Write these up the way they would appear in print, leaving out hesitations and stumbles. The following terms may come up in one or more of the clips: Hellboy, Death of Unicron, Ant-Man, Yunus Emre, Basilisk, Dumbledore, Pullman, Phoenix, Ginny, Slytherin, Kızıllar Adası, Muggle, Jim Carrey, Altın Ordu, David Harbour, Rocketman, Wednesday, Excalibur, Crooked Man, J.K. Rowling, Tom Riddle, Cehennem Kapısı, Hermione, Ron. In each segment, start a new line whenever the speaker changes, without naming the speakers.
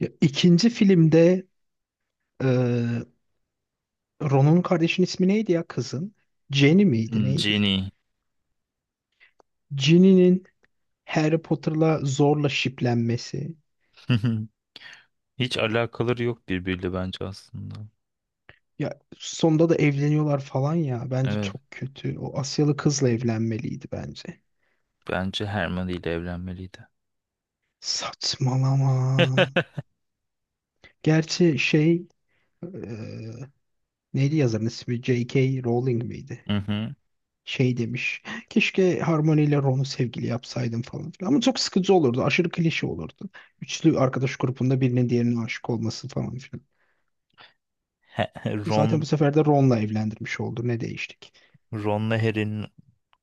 Ya, ikinci filmde e, Ron'un kardeşinin ismi neydi ya kızın? Jenny miydi
Hmm,
neydi?
Genie.
Jenny'nin Harry Potter'la zorla şiplenmesi.
Hiç alakaları yok birbiriyle bence aslında.
Ya sonunda da evleniyorlar falan ya. Bence
Evet,
çok kötü. O Asyalı kızla evlenmeliydi bence.
bence Hermione ile evlenmeliydi.
Saçmalama. Gerçi şey e, neydi yazarın ismi? J.K. Rowling miydi?
Hı hı.
Şey demiş. Keşke Harmony ile Ron'u sevgili yapsaydım falan filan. Ama çok sıkıcı olurdu. Aşırı klişe olurdu. Üçlü arkadaş grubunda birinin diğerine aşık olması falan filan.
He-
Zaten bu
Ron,
sefer de Ron'la evlendirmiş oldu. Ne değiştik?
Ron'la Harry'nin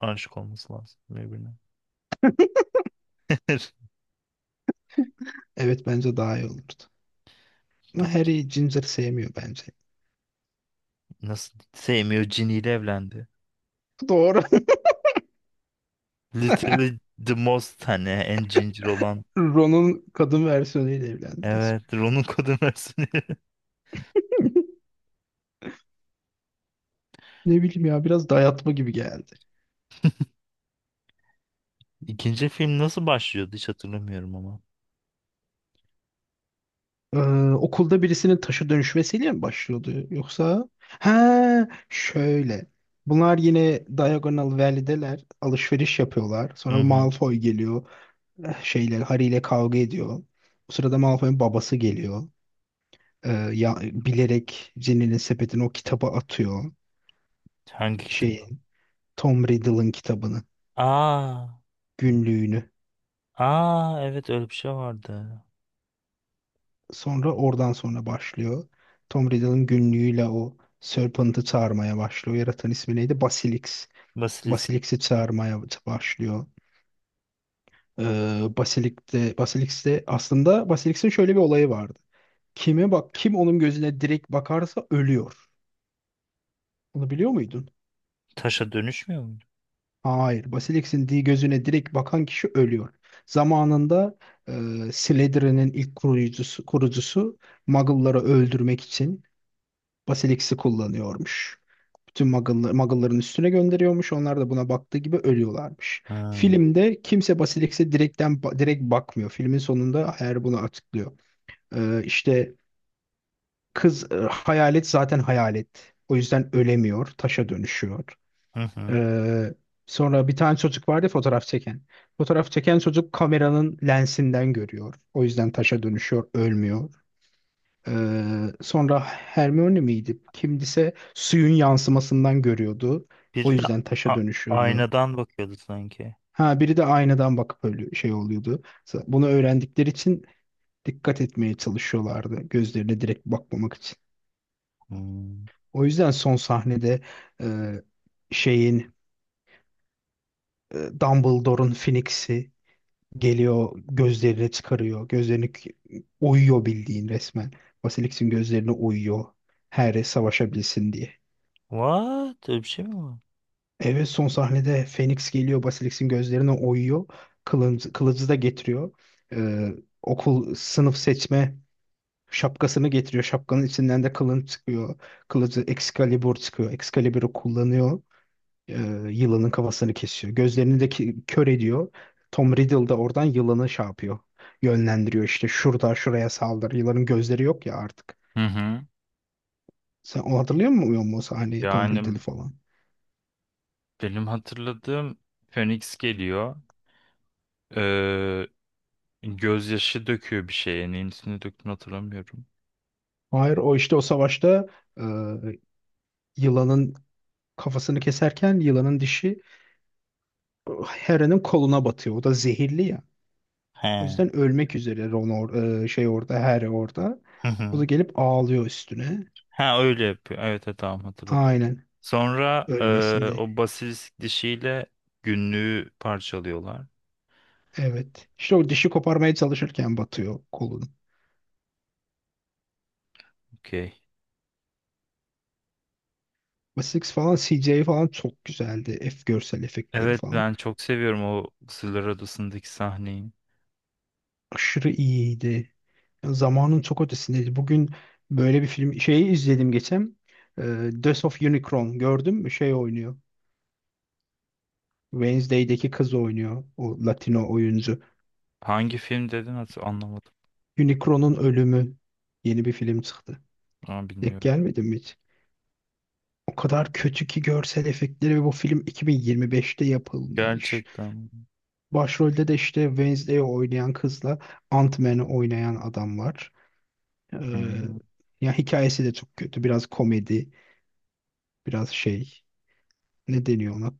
aşık olması lazım birbirine.
Evet, bence daha iyi olurdu. Ama
Bence.
Harry Ginger sevmiyor bence.
Nasıl sevmiyor, Ginny ile evlendi.
Doğru.
Literally the most hani en cincir olan.
Ron'un kadın versiyonuyla evlendi resmen.
Evet, Ron'un kadın versiyonu.
Ne bileyim ya, biraz dayatma gibi geldi.
İkinci film nasıl başlıyordu hiç hatırlamıyorum ama.
Ee, okulda birisinin taşı dönüşmesiyle mi başlıyordu yoksa? Ha, şöyle. Bunlar yine Diagonal Valley'deler. Alışveriş yapıyorlar.
Hı
Sonra
hı.
Malfoy geliyor. Şeyler Harry ile kavga ediyor. O sırada Malfoy'un babası geliyor. Ya, bilerek Ginny'nin sepetini o kitaba atıyor.
Hangi kitaba?
Şeyin Tom Riddle'ın kitabını,
Aa,
günlüğünü.
aa evet öyle bir şey vardı.
Sonra oradan sonra başlıyor. Tom Riddle'ın günlüğüyle o Serpent'ı çağırmaya başlıyor. Yaratan ismi neydi? Basilisk.
Basilisk
Basilisk'i çağırmaya başlıyor. Ee, Basilisk'te aslında Basilisk'in şöyle bir olayı vardı. Kime bak, kim onun gözüne direkt bakarsa ölüyor. Bunu biliyor muydun?
taşa dönüşmüyor muydu?
Hayır. Basilisk'in gözüne direkt bakan kişi ölüyor. Zamanında Slytherin'in ilk kurucusu Muggle'ları öldürmek için Basilisk'i kullanıyormuş. Tüm Muggle'ların üstüne gönderiyormuş. Onlar da buna baktığı gibi ölüyorlarmış.
Ha.
Filmde kimse Basilisk'e direkten direkt bakmıyor. Filmin sonunda eğer bunu açıklıyor. İşte kız, hayalet zaten hayalet. O yüzden ölemiyor. Taşa dönüşüyor.
Hı hı.
Ee, sonra bir tane çocuk vardı ya, fotoğraf çeken. Fotoğraf çeken çocuk kameranın lensinden görüyor. O yüzden taşa dönüşüyor, ölmüyor. Sonra Hermione miydi? Kimdise suyun yansımasından görüyordu. O
Biri de
yüzden taşa
a-
dönüşüyordu.
aynadan bakıyordu sanki.
Ha, biri de aynadan bakıp öyle şey oluyordu. Bunu öğrendikleri için dikkat etmeye çalışıyorlardı. Gözlerine direkt bakmamak için.
Hmm.
O yüzden son sahnede e, şeyin Dumbledore'un Phoenix'i geliyor, gözlerini çıkarıyor. Gözlerini oyuyor bildiğin resmen. Basilisk'in gözlerini oyuyor. Harry savaşabilsin diye.
What? Öyle bir şey mi var?
Evet, son sahnede Phoenix geliyor, Basilisk'in gözlerine oyuyor. Kılıcı da getiriyor. Ee, okul sınıf seçme şapkasını getiriyor. Şapkanın içinden de kılın çıkıyor. Kılıcı Excalibur çıkıyor. Excalibur'u kullanıyor. Ee, yılanın kafasını kesiyor. Gözlerini de kör ediyor. Tom Riddle da oradan yılanı şey yapıyor. Yönlendiriyor işte, şurada şuraya saldır. Yılanın gözleri yok ya artık.
Hı hı.
Sen o hatırlıyor musun, o sahneyi Tom Riddle
Yani
falan?
benim hatırladığım Phoenix geliyor. Ee, gözyaşı döküyor bir şeye. Neyin üstüne döktüğünü hatırlamıyorum.
Hayır, o işte o savaşta e, yılanın kafasını keserken yılanın dişi Hera'nın koluna batıyor. O da zehirli ya. O
He.
yüzden ölmek üzere Ron, şey orada, Hera orada.
Hı
O da
hı.
gelip ağlıyor üstüne.
Ha öyle yapıyor. Evet, evet tamam hatırladım.
Aynen.
Sonra
Ölmesini.
o basilisk dişiyle günlüğü parçalıyorlar.
Evet. İşte o dişi koparmaya çalışırken batıyor kolun.
Okey.
Wessex falan, CJ falan çok güzeldi. F görsel efektleri
Evet
falan.
ben çok seviyorum o Kızıllar Adası'ndaki sahneyi.
Aşırı iyiydi. Ya zamanın çok ötesindeydi. Bugün böyle bir film şeyi izledim geçen. E, Death of Unicron gördüm mü? Şey oynuyor. Wednesday'deki kız oynuyor. O Latino oyuncu.
Hangi film dedin, hatır anlamadım.
Unicron'un ölümü, yeni bir film çıktı.
Ama
Denk
bilmiyorum.
gelmedi mi hiç? O kadar kötü ki görsel efektleri, ve bu film 2025'te yapılmış.
Gerçekten mi?
Başrolde de işte Wednesday'i oynayan kızla Ant-Man'i oynayan adam var. Ee,
Hmm,
ya hikayesi de çok kötü. Biraz komedi, biraz şey, ne deniyor ona?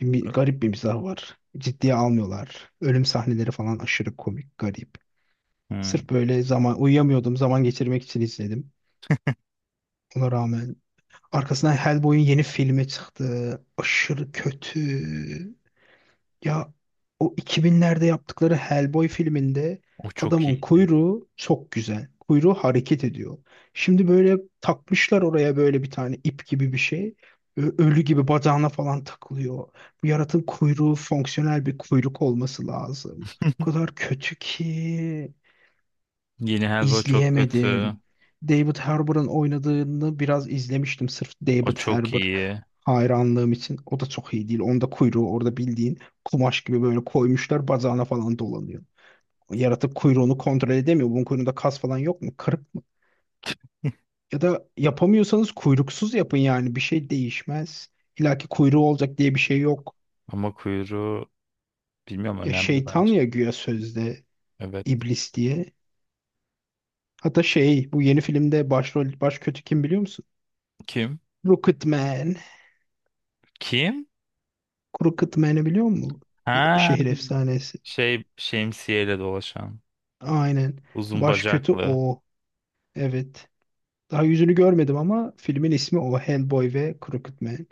Garip bir mizah var. Ciddiye almıyorlar. Ölüm sahneleri falan aşırı komik, garip.
hmm.
Sırf böyle zaman uyuyamıyordum. Zaman geçirmek için izledim. Ona rağmen arkasından Hellboy'un yeni filmi çıktı. Aşırı kötü. Ya o 2000'lerde yaptıkları Hellboy filminde
O çok
adamın
iyiydi.
kuyruğu çok güzel. Kuyruğu hareket ediyor. Şimdi böyle takmışlar oraya böyle bir tane ip gibi bir şey. Ölü gibi bacağına falan takılıyor. Bu yaratığın kuyruğu fonksiyonel bir kuyruk olması lazım. O kadar kötü ki.
Yeni Helva çok kötü.
İzleyemedim. David Harbour'ın oynadığını biraz izlemiştim sırf
O
David
çok
Harbour
iyi.
hayranlığım için. O da çok iyi değil. Onda kuyruğu orada bildiğin kumaş gibi böyle koymuşlar, bacağına falan dolanıyor. Yaratık kuyruğunu kontrol edemiyor. Bunun kuyruğunda kas falan yok mu? Kırık mı? Ya da yapamıyorsanız kuyruksuz yapın yani. Bir şey değişmez. İlla ki kuyruğu olacak diye bir şey yok.
Ama kuyruğu bilmiyorum,
Ya
önemli
şeytan
bence.
ya güya, sözde
Evet.
iblis diye. Hatta şey, bu yeni filmde başrol baş kötü kim biliyor musun?
Kim?
Rocketman.
Kim?
Kuru kıtmeni biliyor musun? Bir
Ha,
şehir efsanesi.
şey şemsiyeyle dolaşan.
Aynen.
Uzun
Baş kötü
bacaklı.
o. Evet. Daha yüzünü görmedim ama filmin ismi o. Hellboy ve Crooked Man.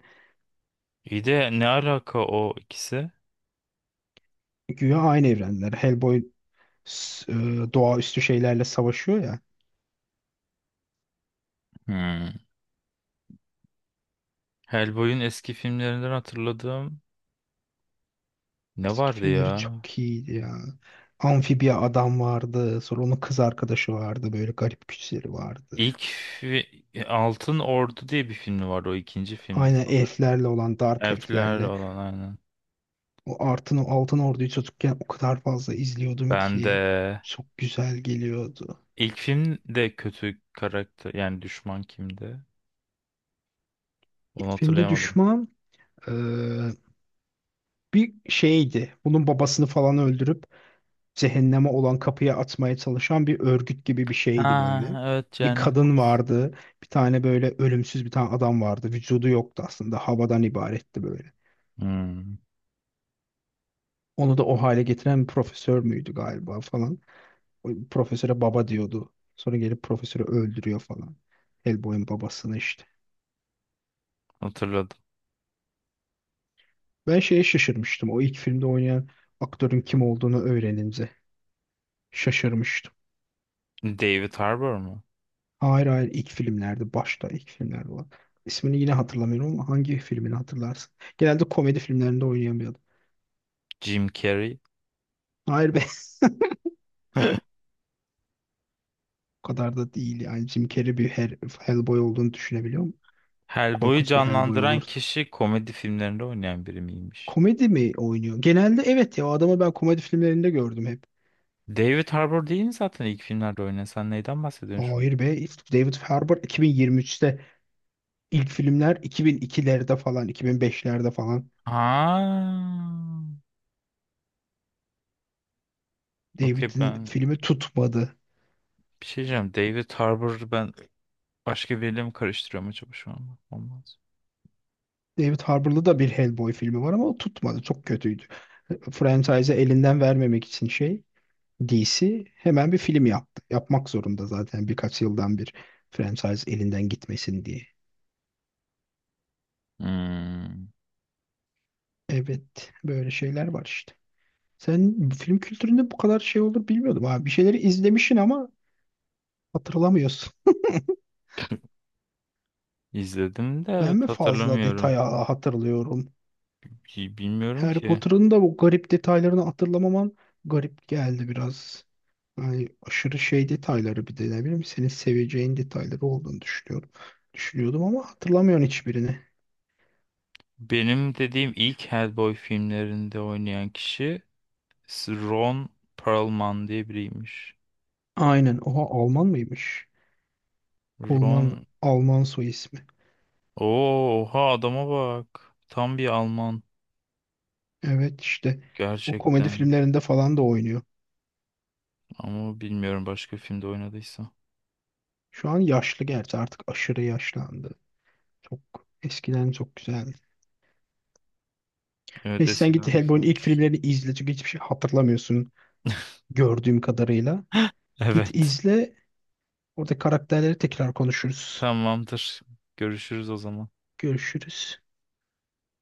İyi de ne alaka o ikisi?
Güya aynı evrenler. Hellboy s- e, doğaüstü şeylerle savaşıyor ya.
Hmm. Hellboy'un eski filmlerinden hatırladığım ne
Eski
vardı
filmleri
ya?
çok iyiydi ya. Amfibiya adam vardı. Sonra onun kız arkadaşı vardı. Böyle garip güçleri vardı.
İlk Altın Ordu diye bir filmi vardı, o ikinci filmdi.
Aynen, elflerle olan, dark
Elfler
elflerle.
olan, aynen.
O Altın Ordu'yu çocukken o kadar fazla izliyordum
Ben de
ki. Çok güzel geliyordu.
ilk filmde kötü karakter, yani düşman kimdi? Onu
Filmde
hatırlayamadım.
düşman e, bir şeydi. Bunun babasını falan öldürüp cehenneme olan kapıya atmaya çalışan bir örgüt gibi bir
Ha
şeydi böyle.
evet,
Bir
Cehennem
kadın
Kapısı.
vardı. Bir tane böyle ölümsüz bir tane adam vardı. Vücudu yoktu aslında. Havadan ibaretti böyle.
Hmm,
Onu da o hale getiren bir profesör müydü galiba falan. O profesöre baba diyordu. Sonra gelip profesörü öldürüyor falan. Hellboy'un babasını işte.
hatırladım.
Ben şeye şaşırmıştım. O ilk filmde oynayan aktörün kim olduğunu öğrenince şaşırmıştım.
David Harbour mu?
Hayır, hayır, ilk filmlerde, başta, ilk filmlerde olan. İsmini yine hatırlamıyorum ama hangi filmini hatırlarsın? Genelde komedi filmlerinde oynayan bir adam.
Jim Carrey.
Hayır be. O kadar da değil yani, Jim Carrey bir Hellboy olduğunu düşünebiliyor musun?
Hellboy'u
Korkunç bir Hellboy
canlandıran
olurdu.
kişi komedi filmlerinde oynayan biri miymiş?
Komedi mi oynuyor? Genelde evet ya, o adamı ben komedi filmlerinde gördüm hep.
David Harbour değil mi zaten ilk filmlerde oynayan? Sen neyden bahsediyorsun şu an?
Hayır be, David Harbour 2023'te, ilk filmler 2002'lerde falan, 2005'lerde falan.
Ha. Okey,
David'in
ben
filmi tutmadı.
bir şey diyeceğim. David Harbour'u ben başka biriyle mi karıştırıyorum acaba şu an? Olmaz.
David Harbour'da da bir Hellboy filmi var ama o tutmadı. Çok kötüydü. Franchise'ı elinden vermemek için şey, DC hemen bir film yaptı. Yapmak zorunda zaten, birkaç yıldan bir franchise elinden gitmesin diye.
Hmm.
Evet, böyle şeyler var işte. Sen film kültüründe bu kadar şey olur bilmiyordum abi. Bir şeyleri izlemişsin ama hatırlamıyorsun.
İzledim de
Ben mi
evet,
fazla
hatırlamıyorum.
detaya hatırlıyorum?
Bilmiyorum
Harry
ki.
Potter'ın da bu garip detaylarını hatırlamaman garip geldi biraz. Yani aşırı şey detayları, bir de ne bileyim, senin seveceğin detayları olduğunu düşünüyorum. Düşünüyordum ama hatırlamıyorum hiçbirini.
Benim dediğim ilk Hellboy filmlerinde oynayan kişi Ron Perlman diye biriymiş.
Aynen. Oha, Alman mıymış? Pullman,
Ron...
Alman soy ismi.
Oo, oha adama bak. Tam bir Alman.
Evet işte o komedi
Gerçekten.
filmlerinde falan da oynuyor.
Ama bilmiyorum başka filmde oynadıysa.
Şu an yaşlı gerçi, artık aşırı yaşlandı. Çok eskiden çok güzeldi.
Evet,
Neyse, sen git
eskiden bir
Hellboy'un ilk
filmmiş.
filmlerini izle, çünkü hiçbir şey hatırlamıyorsun gördüğüm kadarıyla. Git
Evet.
izle. Orada karakterleri tekrar konuşuruz.
Tamamdır. Görüşürüz o zaman.
Görüşürüz.